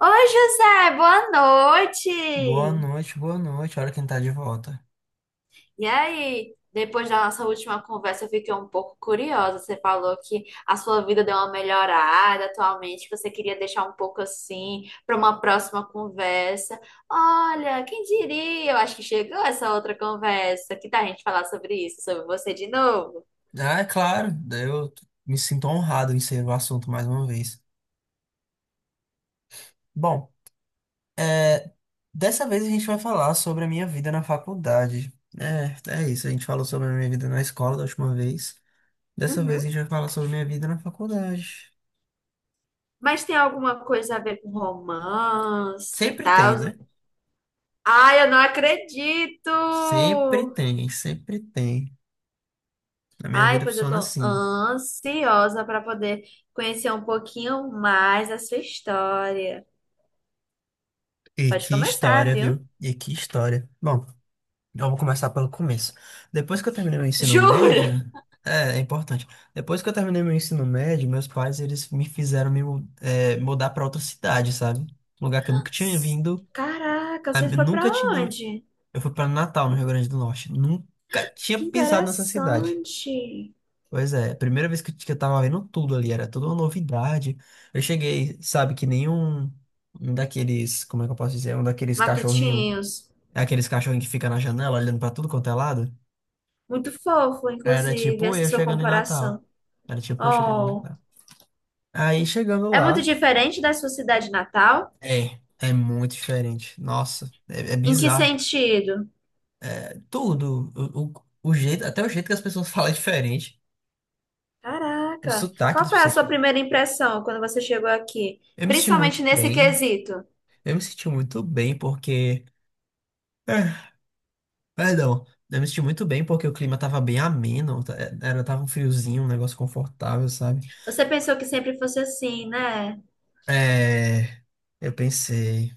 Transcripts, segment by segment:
Oi, José, boa Boa noite! noite, boa noite. Olha quem tá de volta. E aí, depois da nossa última conversa, eu fiquei um pouco curiosa. Você falou que a sua vida deu uma melhorada atualmente, que você queria deixar um pouco assim para uma próxima conversa. Olha, quem diria? Eu acho que chegou essa outra conversa. Que tal a gente falar sobre isso, sobre você de novo? Ah, é claro, daí eu me sinto honrado em ser o assunto mais uma vez. Bom, é, dessa vez a gente vai falar sobre a minha vida na faculdade. É isso, a gente falou sobre a minha vida na escola da última vez. Dessa vez Uhum. a gente vai falar sobre a minha vida na faculdade. Mas tem alguma coisa a ver com romance e Sempre tem, tal? né? Ai, eu não acredito! Sempre tem, sempre tem. A minha Ai, vida pois eu funciona tô assim. ansiosa para poder conhecer um pouquinho mais a sua história. E Pode que começar, história, viu? viu? E que história. Bom. Então, eu vou começar pelo começo. Depois que eu terminei meu ensino Jura? médio, é importante. Depois que eu terminei meu ensino médio, meus pais eles me fizeram mudar para outra cidade, sabe? Um lugar que eu nunca tinha vindo. Caraca, Ah, você eu foi para nunca tinha. onde? Eu fui para Natal, no Rio Grande do Norte. Nunca tinha Que pisado nessa cidade. interessante. Pois é, a primeira vez que eu tava vendo tudo ali, era toda uma novidade. Eu cheguei, sabe, que nenhum um daqueles, como é que eu posso dizer, um daqueles cachorrinho, Matutinhos. aqueles cachorrinhos que fica na janela olhando para tudo quanto é lado. Muito fofo, Era inclusive, tipo essa eu sua chegando em Natal. comparação. Era tipo eu chegando em Oh, Natal. Aí chegando é muito lá, diferente da sua cidade natal? É muito diferente. Nossa, é Em que bizarro. sentido? É Tudo, o, o jeito, até o jeito que as pessoas falam é diferente. O Caraca, sotaque qual das foi a pessoas. Sua primeira impressão quando você chegou aqui? Eu me senti Principalmente muito nesse bem. quesito. Eu me senti muito bem porque. É, perdão. Eu me senti muito bem porque o clima tava bem ameno. Tava um friozinho, um negócio confortável, sabe? Você pensou que sempre fosse assim, né? É. Eu pensei.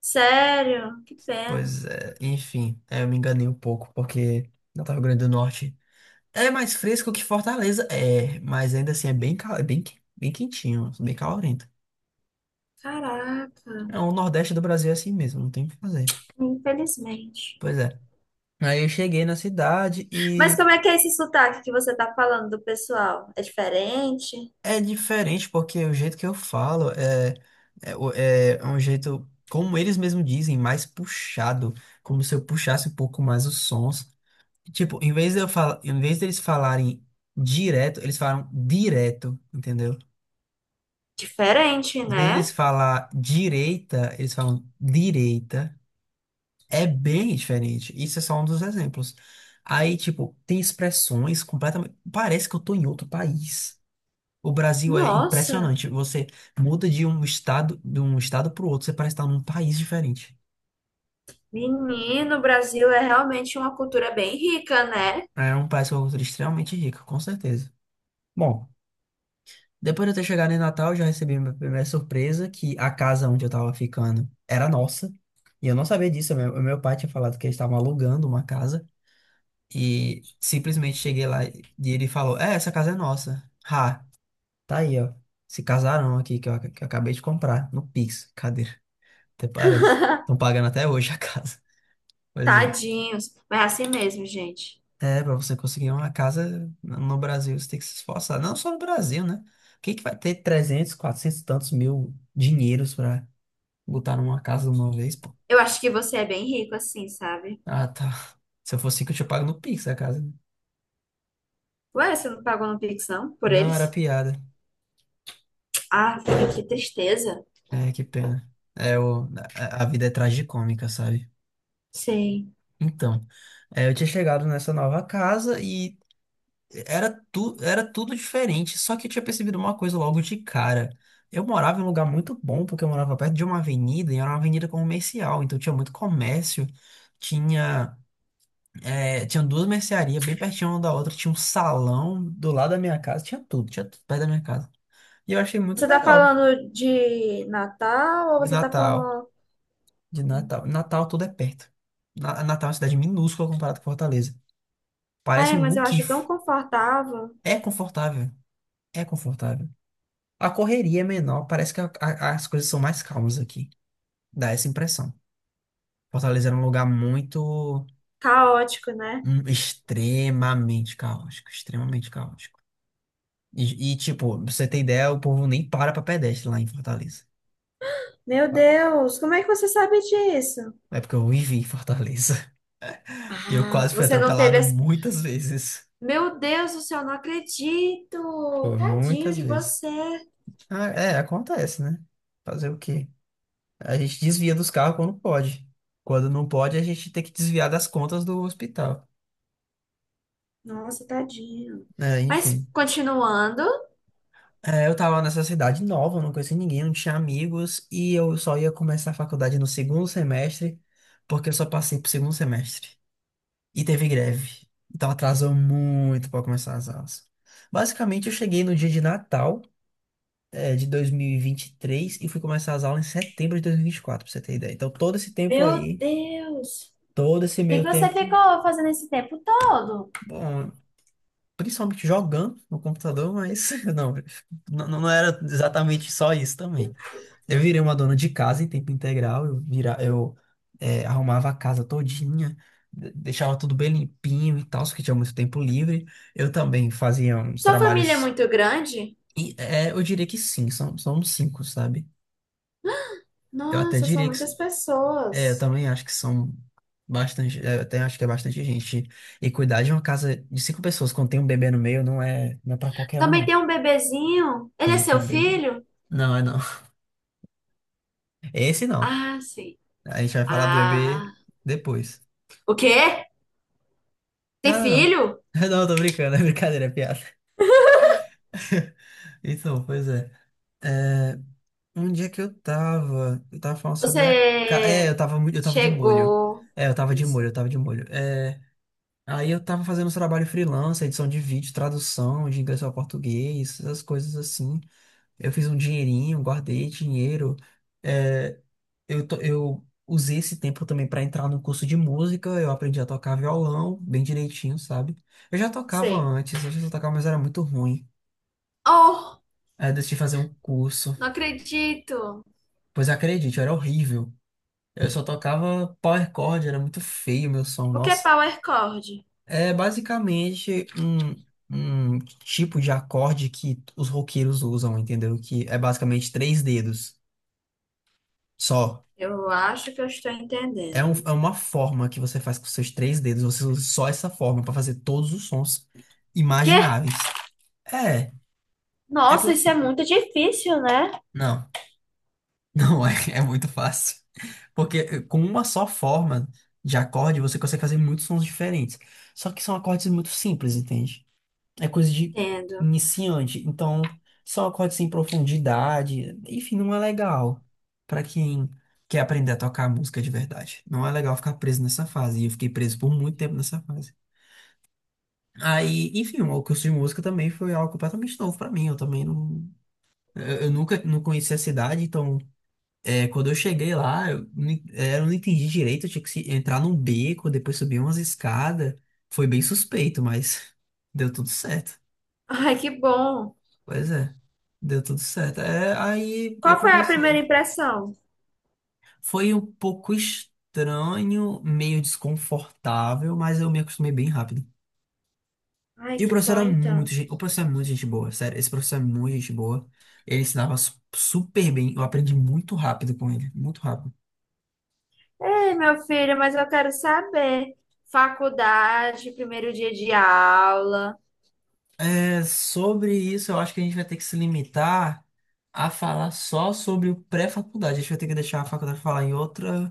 Sério? Que pena. Pois é, enfim, eu me enganei um pouco, porque Natal Rio Grande do Norte é mais fresco que Fortaleza, mas ainda assim é bem, bem quentinho, bem calorento. Caraca, É, o Nordeste do Brasil é assim mesmo, não tem o que fazer. infelizmente. Pois é. Aí eu cheguei na cidade Mas e como é que é esse sotaque que você tá falando do pessoal? É diferente? é diferente, porque o jeito que eu falo é um jeito, como eles mesmos dizem, mais puxado, como se eu puxasse um pouco mais os sons. Tipo, em vez de eu falar, em vez deles falarem direto, eles falam direto, entendeu? Diferente, Em vez né? deles falar direita, eles falam direita. É bem diferente. Isso é só um dos exemplos. Aí, tipo, tem expressões completamente. Parece que eu tô em outro país. O Brasil é Nossa, impressionante. Você muda de um estado, pro outro, você parece estar num país diferente. menino, o Brasil é realmente uma cultura bem rica, né? É um país que é uma cultura extremamente rica, com certeza. Bom. Depois de eu ter chegado em Natal, eu já recebi minha primeira surpresa, que a casa onde eu tava ficando era nossa. E eu não sabia disso. Meu pai tinha falado que eles estavam alugando uma casa. E simplesmente cheguei lá e ele falou: é, essa casa é nossa. Ha, tá aí, ó. Esse casarão aqui que eu acabei de comprar no Pix. Cadê? Até parece. Estão pagando até hoje a casa. Pois é. Tadinhos. Mas é assim mesmo, gente. É, pra você conseguir uma casa no Brasil, você tem que se esforçar. Não só no Brasil, né? Quem que vai ter 300, 400 e tantos mil dinheiros pra botaram uma casa de uma vez, pô. Eu acho que você é bem rico assim, sabe? Ah, tá. Se eu fosse rico, eu tinha pago no Pix a casa, né? Ué, você não pagou no Pix, não? Por Não, era eles? piada. Ah, que tristeza. É, que pena. É, o, a vida é tragicômica, sabe? Sei. Então, é, eu tinha chegado nessa nova casa e era tudo diferente. Só que eu tinha percebido uma coisa logo de cara. Eu morava em um lugar muito bom, porque eu morava perto de uma avenida, e era uma avenida comercial, então tinha muito comércio, tinha. É, tinha duas mercearias bem pertinho uma da outra, tinha um salão do lado da minha casa, tinha tudo perto da minha casa. E eu achei muito Você tá legal. falando de Natal ou De você tá Natal, falando. de Natal. Natal tudo é perto. Natal é uma cidade minúscula comparado com Fortaleza. Parece Ai, um mas eu acho tão muquifo. confortável. É confortável, é confortável. A correria é menor, parece que as coisas são mais calmas aqui. Dá essa impressão. Fortaleza era um lugar muito, Caótico, né? Extremamente caótico, extremamente caótico. E, tipo, pra você ter ideia, o povo nem para pra pedestre lá em Fortaleza. Meu Para. Deus, como é que você sabe disso? É porque eu vivi em Fortaleza. E eu Ah, quase fui você não teve atropelado esse. muitas vezes. Meu Deus do céu, não acredito! Pô, Tadinho muitas de vezes. você. Ah, é, acontece, né? Fazer o quê? A gente desvia dos carros quando pode. Quando não pode, a gente tem que desviar das contas do hospital. Nossa, tadinho. É, Mas enfim. continuando. É, eu tava nessa cidade nova, não conhecia ninguém, não tinha amigos, e eu só ia começar a faculdade no segundo semestre, porque eu só passei pro segundo semestre. E teve greve. Então atrasou muito para começar as aulas. Basicamente, eu cheguei no dia de Natal, de dois mil e vinte e três e fui começar as aulas em setembro de dois mil e vinte e quatro pra você ter ideia. Então, todo esse tempo Meu aí, Deus. todo esse O que que meio você tempo, ficou fazendo esse tempo todo? bom, principalmente jogando no computador, mas não, não, não era exatamente só isso também. Eu virei uma dona de casa em tempo integral, eu, vira, eu eh, arrumava a casa todinha, deixava tudo bem limpinho e tal, porque tinha muito tempo livre. Eu também fazia uns Sua família é trabalhos, muito grande? Eu diria que sim, são uns cinco, sabe? Eu até Nossa, são diria que, muitas eu pessoas. também acho que são bastante, eu até acho que é bastante gente. E cuidar de uma casa de cinco pessoas quando tem um bebê no meio não é para qualquer um, Também tem não. um bebezinho. Ele é Tem seu um bebê. filho? Não, é não. Esse não. Ah, sim. A gente vai falar do bebê Ah. depois. O quê? Tem Nada, não. filho? Não, tô brincando, é brincadeira, é piada. Então, pois é. É, um dia que eu tava. Eu tava falando sobre a. É, Você eu tava muito. Eu tava de molho. chegou. É, eu tava de molho, Isso. eu tava de molho. Aí eu tava fazendo uns trabalho freelance, edição de vídeo, tradução de inglês para português, essas coisas assim. Eu fiz um dinheirinho, guardei dinheiro. É, eu usei esse tempo também para entrar no curso de música. Eu aprendi a tocar violão bem direitinho, sabe? Eu já tocava Sei. antes, eu já tocava, mas era muito ruim. Oh, Aí eu decidi fazer um curso. não acredito. Pois acredite, eu era horrível. Eu só tocava power chord, era muito feio o meu som, O que é nossa. power chord? É basicamente um tipo de acorde que os roqueiros usam, entendeu? Que é basicamente três dedos. Só. Eu acho que eu estou entendendo. É uma forma que você faz com seus três dedos. Você usa só essa forma pra fazer todos os sons Quê? imagináveis. É, é Nossa, porque. isso é muito difícil, né? Não, não é, é muito fácil. Porque com uma só forma de acorde, você consegue fazer muitos sons diferentes. Só que são acordes muito simples, entende? É coisa de Entendo. iniciante. Então, são acordes sem profundidade. Enfim, não é legal pra quem quer aprender a tocar música de verdade. Não é legal ficar preso nessa fase. E eu fiquei preso por muito tempo nessa fase. Aí, enfim, o curso de música também foi algo completamente novo pra mim. Eu também não. Eu nunca não conhecia a cidade, então, quando eu cheguei lá, eu, nem- é, eu não entendi direito. Eu tinha que entrar num beco, depois subir umas escadas. Foi bem suspeito, mas deu tudo certo. Ai, que bom. Pois é, deu tudo certo. Aí eu Qual foi a primeira comecei. impressão? Foi um pouco estranho, meio desconfortável, mas eu me acostumei bem rápido. Ai, E o que professor bom, era então. muito gente, o professor é muito gente boa, sério, esse professor é muito gente boa. Ele ensinava super bem, eu aprendi muito rápido com ele, muito rápido. Ei, meu filho, mas eu quero saber. Faculdade, primeiro dia de aula, Sobre isso, eu acho que a gente vai ter que se limitar a falar só sobre o pré-faculdade. A gente vai ter que deixar a faculdade falar em outra,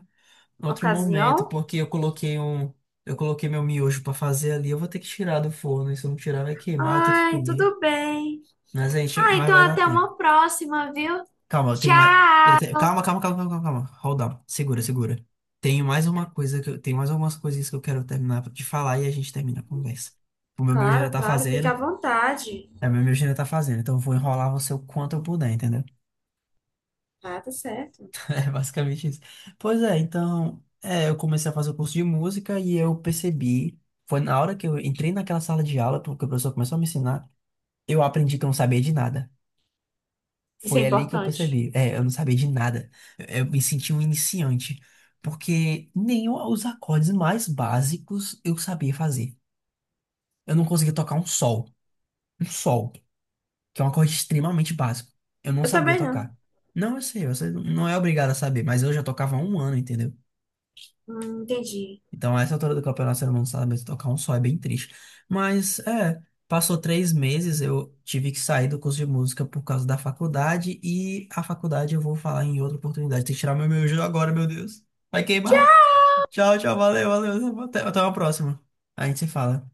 em outro momento, ocasião? porque eu coloquei um, eu coloquei meu miojo pra fazer ali, eu vou ter que tirar do forno, e se eu não tirar vai queimar, eu tenho que Ai, comer. tudo bem. Mas a gente, Ah, mas então vai dar até tempo. uma próxima, viu? Calma, eu Tchau. tenho mais. Calma, calma, calma, calma, calma, calma. Hold on. Segura, segura. Tenho mais uma coisa que eu... Tenho mais algumas coisinhas que eu quero terminar de falar e a gente termina a conversa. O meu já Claro, tá claro, fica à fazendo. vontade. O meu já tá fazendo. Então eu vou enrolar você o quanto eu puder, entendeu? Ah, tá certo. É basicamente isso. Pois é, então. Eu comecei a fazer o curso de música e eu percebi. Foi na hora que eu entrei naquela sala de aula, porque o professor começou a me ensinar, eu aprendi que eu não sabia de nada. Isso é Foi ali que eu importante. percebi. É, eu não sabia de nada. Eu me senti um iniciante. Porque nem os acordes mais básicos eu sabia fazer. Eu não conseguia tocar um sol. Um sol, que é um acorde extremamente básico. Eu não Eu sabia também não. tocar. Não, eu sei, você não é obrigado a saber, mas eu já tocava há um ano, entendeu? Entendi. Então, a essa altura do campeonato, o ser humano não sabe mesmo tocar um só, é bem triste. Mas, passou 3 meses, eu tive que sair do curso de música por causa da faculdade, e a faculdade eu vou falar em outra oportunidade. Tem que tirar meu miojo agora, meu Deus. Vai queimar. Tchau, tchau, valeu, valeu. Até uma próxima. A gente se fala.